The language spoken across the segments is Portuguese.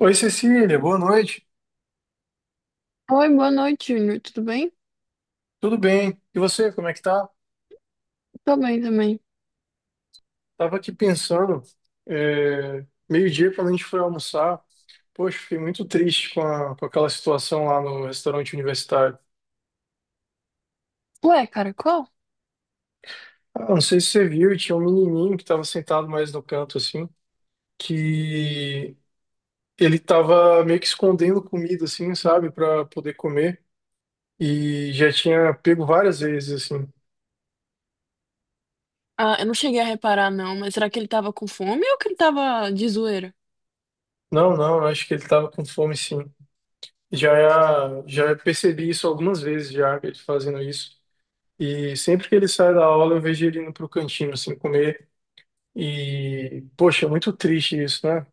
Oi, Cecília, boa noite. Oi, boa noite, Júnior. Tudo bem? Tudo bem? E você, como é que tá? Tô bem também. Tava aqui pensando, meio-dia quando a gente foi almoçar, poxa, fiquei muito triste com aquela situação lá no restaurante universitário. Ué, caracol? Ah, não sei se você viu, tinha um menininho que estava sentado mais no canto, assim, que ele tava meio que escondendo comida, assim, sabe, para poder comer, e já tinha pego várias vezes, assim. Ah, eu não cheguei a reparar, não, mas será que ele tava com fome ou que ele tava de zoeira? Não, não, eu acho que ele tava com fome, sim. Já percebi isso algumas vezes já, ele fazendo isso. E sempre que ele sai da aula, eu vejo ele indo pro cantinho, assim, comer. E, poxa, é muito triste isso, né?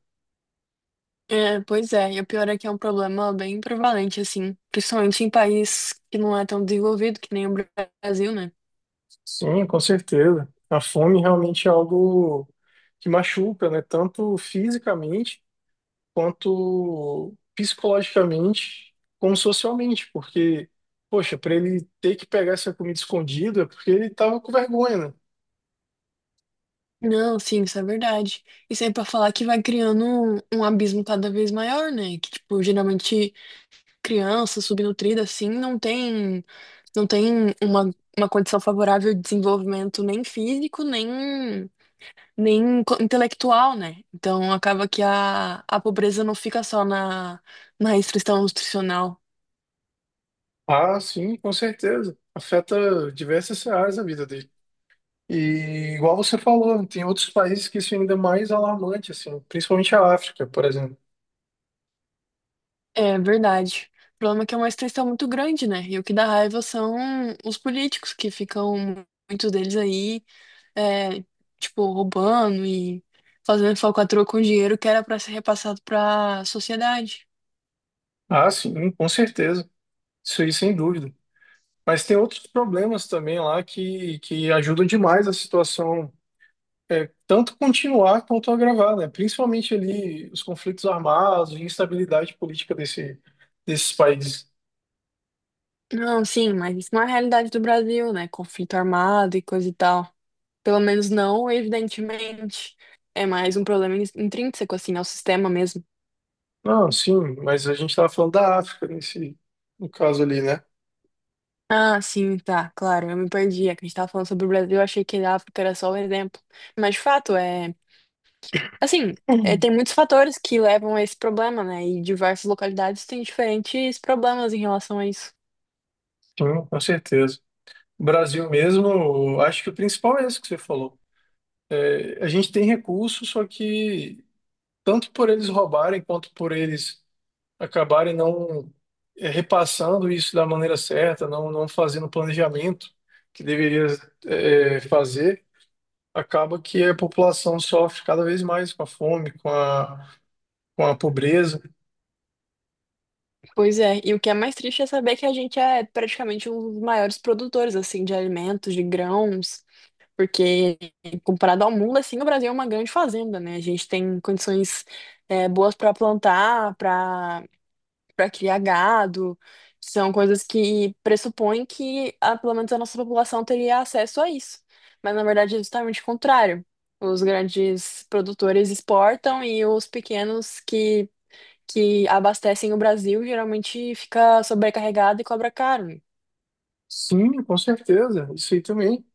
É, pois é, e o pior é que é um problema bem prevalente, assim, principalmente em país que não é tão desenvolvido, que nem o Brasil, né? Sim, com certeza. A fome realmente é algo que machuca, né? Tanto fisicamente, quanto psicologicamente, como socialmente. Porque, poxa, para ele ter que pegar essa comida escondida, é porque ele tava com vergonha, né? Não, sim, isso é verdade. Isso aí pra falar que vai criando um abismo cada vez maior, né? Que, tipo, geralmente criança subnutrida, assim, não tem. Não tem uma condição favorável de desenvolvimento nem físico, nem, nem intelectual, né? Então acaba que a pobreza não fica só na, na restrição nutricional. Ah, sim, com certeza. Afeta diversas áreas da vida dele. E igual você falou, tem outros países que isso é ainda mais alarmante, assim, principalmente a África, por exemplo. É verdade. O problema é que é uma restrição muito grande, né? E o que dá raiva são os políticos que ficam, muitos deles aí, é, tipo, roubando e fazendo falcatrua com dinheiro que era para ser repassado para a sociedade. Ah, sim, com certeza. Isso aí, sem dúvida. Mas tem outros problemas também lá que ajudam demais a situação tanto continuar quanto agravar, né? Principalmente ali os conflitos armados e instabilidade política desses países. Não, sim, mas isso não é a realidade do Brasil, né? Conflito armado e coisa e tal. Pelo menos não, evidentemente. É mais um problema intrínseco, assim, ao sistema mesmo. Não, sim, mas a gente estava falando da África no caso ali, né? Ah, sim, tá, claro, eu me perdi. É que a gente tava falando sobre o Brasil, eu achei que a África era só o exemplo. Mas, de fato, é... Assim, é, Uhum. tem muitos fatores que levam a esse problema, né? E diversas localidades têm diferentes problemas em relação a isso. Sim, com certeza. O Brasil mesmo, eu acho que o principal é isso que você falou. A gente tem recursos, só que tanto por eles roubarem quanto por eles acabarem não repassando isso da maneira certa, não, não fazendo o planejamento que deveria fazer acaba que a população sofre cada vez mais com a fome, com a pobreza. Pois é, e o que é mais triste é saber que a gente é praticamente um dos maiores produtores, assim, de alimentos, de grãos, porque, comparado ao mundo, assim, o Brasil é uma grande fazenda, né? A gente tem condições, é, boas para plantar, para criar gado. São coisas que pressupõem que, ah, pelo menos, a nossa população teria acesso a isso. Mas, na verdade, é justamente o contrário. Os grandes produtores exportam e os pequenos que abastecem o Brasil geralmente fica sobrecarregado e cobra caro, né? Sim, com certeza, isso aí também.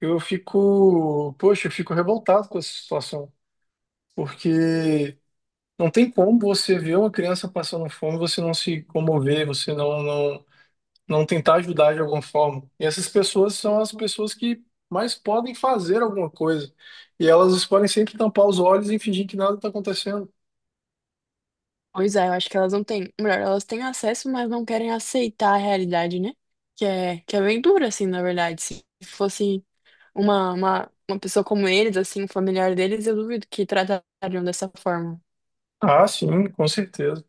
Eu fico, poxa, eu fico revoltado com essa situação, porque não tem como você ver uma criança passando fome, você não se comover, você não tentar ajudar de alguma forma. E essas pessoas são as pessoas que mais podem fazer alguma coisa. E elas podem sempre tampar os olhos e fingir que nada está acontecendo. Pois é, eu acho que elas não têm. Melhor, elas têm acesso, mas não querem aceitar a realidade, né? Que é bem dura, assim, na verdade. Se fosse uma pessoa como eles, assim, um familiar deles, eu duvido que tratariam dessa forma. Ah, sim, com certeza.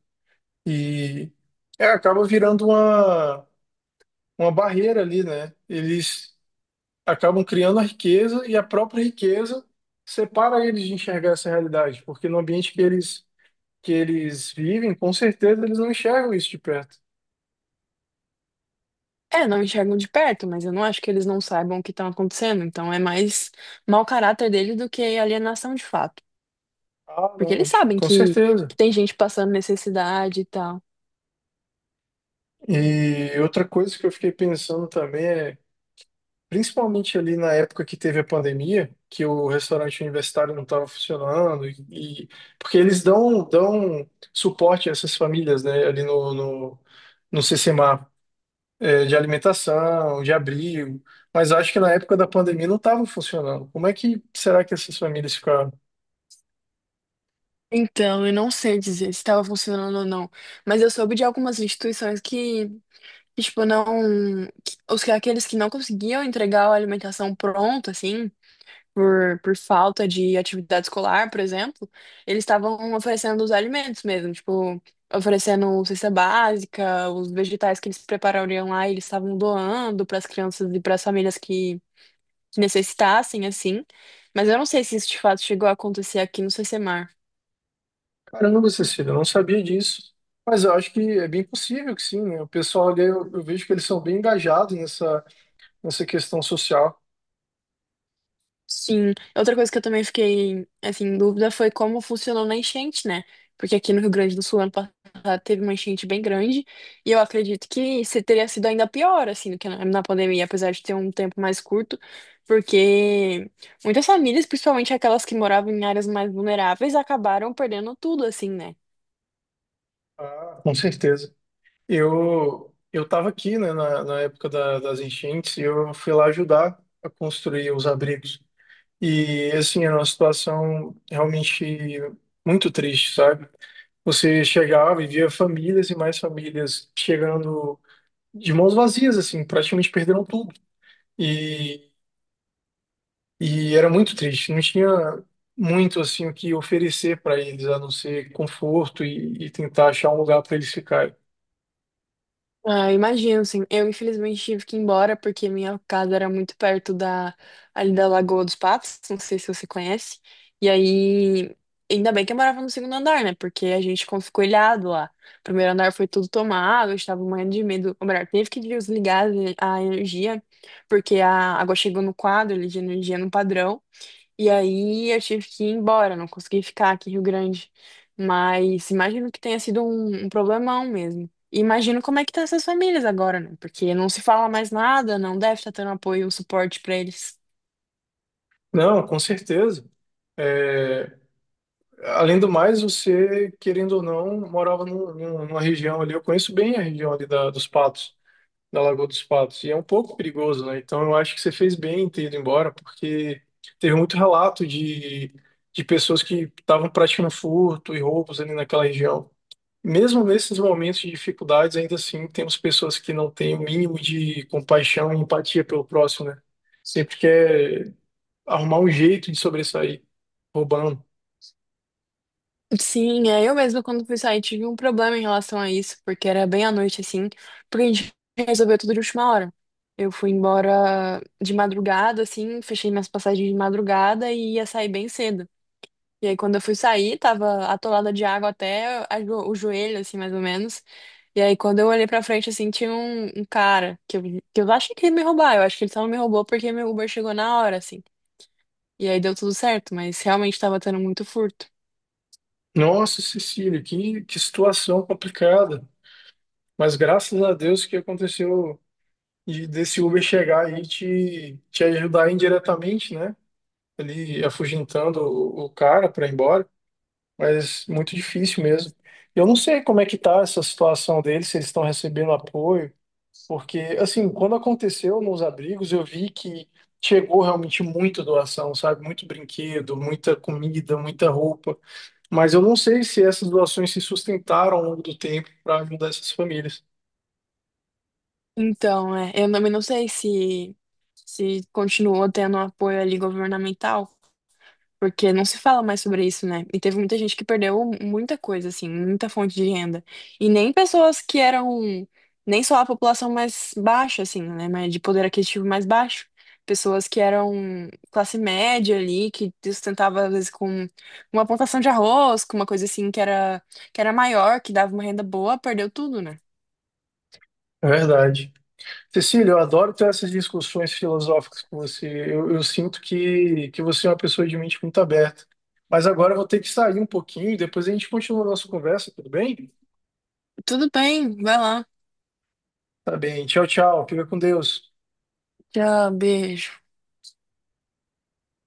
E acaba virando uma barreira ali, né? Eles acabam criando a riqueza e a própria riqueza separa eles de enxergar essa realidade, porque no ambiente que eles vivem, com certeza eles não enxergam isso de perto. É, não enxergam de perto, mas eu não acho que eles não saibam o que está acontecendo. Então é mais mau caráter deles do que alienação de fato. Ah, Porque não, eles sabem com certeza. que tem gente passando necessidade e tal. E outra coisa que eu fiquei pensando também é principalmente ali na época que teve a pandemia, que o restaurante universitário não estava funcionando, e- porque eles dão suporte a essas famílias, né, ali no, no, no CCMA, de alimentação, de abrigo, mas acho que na época da pandemia não estava funcionando. Como é que será que essas famílias ficaram? Então, eu não sei dizer se estava funcionando ou não. Mas eu soube de algumas instituições que... E, tipo, não. Aqueles que não conseguiam entregar a alimentação pronta, assim, por falta de atividade escolar, por exemplo, eles estavam oferecendo os alimentos mesmo, tipo, oferecendo cesta básica, os vegetais que eles preparariam lá, eles estavam doando para as crianças e para as famílias que necessitassem, assim. Mas eu não sei se isso de fato chegou a acontecer aqui no C C. Caramba, Cecília, eu não sabia disso. Mas eu acho que é bem possível que sim, né? O pessoal ali, eu vejo que eles são bem engajados nessa questão social. Sim, outra coisa que eu também fiquei, assim, em dúvida foi como funcionou na enchente, né? Porque aqui no Rio Grande do Sul, ano passado, teve uma enchente bem grande e eu acredito que se teria sido ainda pior, assim, do que na pandemia, apesar de ter um tempo mais curto, porque muitas famílias, principalmente aquelas que moravam em áreas mais vulneráveis, acabaram perdendo tudo, assim, né? Ah, com certeza. Eu estava aqui, né, na época da- das enchentes e eu fui lá ajudar a construir os abrigos. E assim, era uma situação realmente muito triste, sabe? Você chegava e via famílias e mais famílias chegando de mãos vazias, assim, praticamente perderam tudo. E, e era muito triste, não tinha muito assim o que oferecer para eles, a não ser conforto e tentar achar um lugar para eles ficarem. Ah, imagino, sim. Eu, infelizmente, tive que ir embora porque minha casa era muito perto da, ali da Lagoa dos Patos, não sei se você conhece. E aí, ainda bem que eu morava no segundo andar, né? Porque a gente ficou escoelhado lá. O primeiro andar foi tudo tomado, a gente tava morrendo de medo. Ou melhor, teve que desligar a energia, porque a água chegou no quadro ali de energia no padrão. E aí eu tive que ir embora, não consegui ficar aqui em Rio Grande. Mas imagino que tenha sido um problemão mesmo. E imagino como é que tá essas famílias agora, né? Porque não se fala mais nada, não deve estar tendo apoio, um suporte pra eles. Não, com certeza. eh, Além do mais, você, querendo ou não, morava numa região ali. Eu conheço bem a região dos Patos, da Lagoa dos Patos, e é um pouco perigoso, né? Então eu acho que você fez bem em ter ido embora, porque teve muito relato de pessoas que estavam praticando furto e roubos ali naquela região. Mesmo nesses momentos de dificuldades, ainda assim, temos pessoas que não têm o mínimo de compaixão e empatia pelo próximo, né? Sempre quer arrumar um jeito de sobressair, roubando. Sim, é, eu mesma quando fui sair tive um problema em relação a isso, porque era bem à noite assim, porque a gente resolveu tudo de última hora. Eu fui embora de madrugada, assim, fechei minhas passagens de madrugada e ia sair bem cedo. E aí, quando eu fui sair, tava atolada de água até a o joelho, assim, mais ou menos. E aí, quando eu olhei pra frente, assim, tinha um cara que eu achei que ia me roubar. Eu acho que ele só não me roubou porque meu Uber chegou na hora, assim. E aí deu tudo certo, mas realmente tava tendo muito furto. Nossa, Cecília, que situação complicada. Mas graças a Deus que aconteceu e desse Uber chegar aí e te ajudar indiretamente, né? Ele afugentando o cara para ir embora, mas muito difícil mesmo. Eu não sei como é que tá essa situação deles, se eles estão recebendo apoio, porque, assim, quando aconteceu nos abrigos, eu vi que chegou realmente muita doação, sabe? Muito brinquedo, muita comida, muita roupa. Mas eu não sei se essas doações se sustentaram ao longo do tempo para ajudar essas famílias. Então, é, eu também não sei se continuou tendo um apoio ali governamental, porque não se fala mais sobre isso, né? E teve muita gente que perdeu muita coisa, assim, muita fonte de renda. E nem pessoas que eram, nem só a população mais baixa, assim, né? Mas de poder aquisitivo mais baixo. Pessoas que eram classe média ali, que sustentava, às vezes, com uma plantação de arroz, com uma coisa assim que era maior, que dava uma renda boa, perdeu tudo, né? É verdade. Cecília, eu adoro ter essas discussões filosóficas com você. Eu sinto que você é uma pessoa de mente muito aberta. Mas agora eu vou ter que sair um pouquinho, depois a gente continua a nossa conversa, tudo bem? Tudo bem, vai lá. Tá bem. Tchau, tchau. Fica com Deus. Tchau, beijo.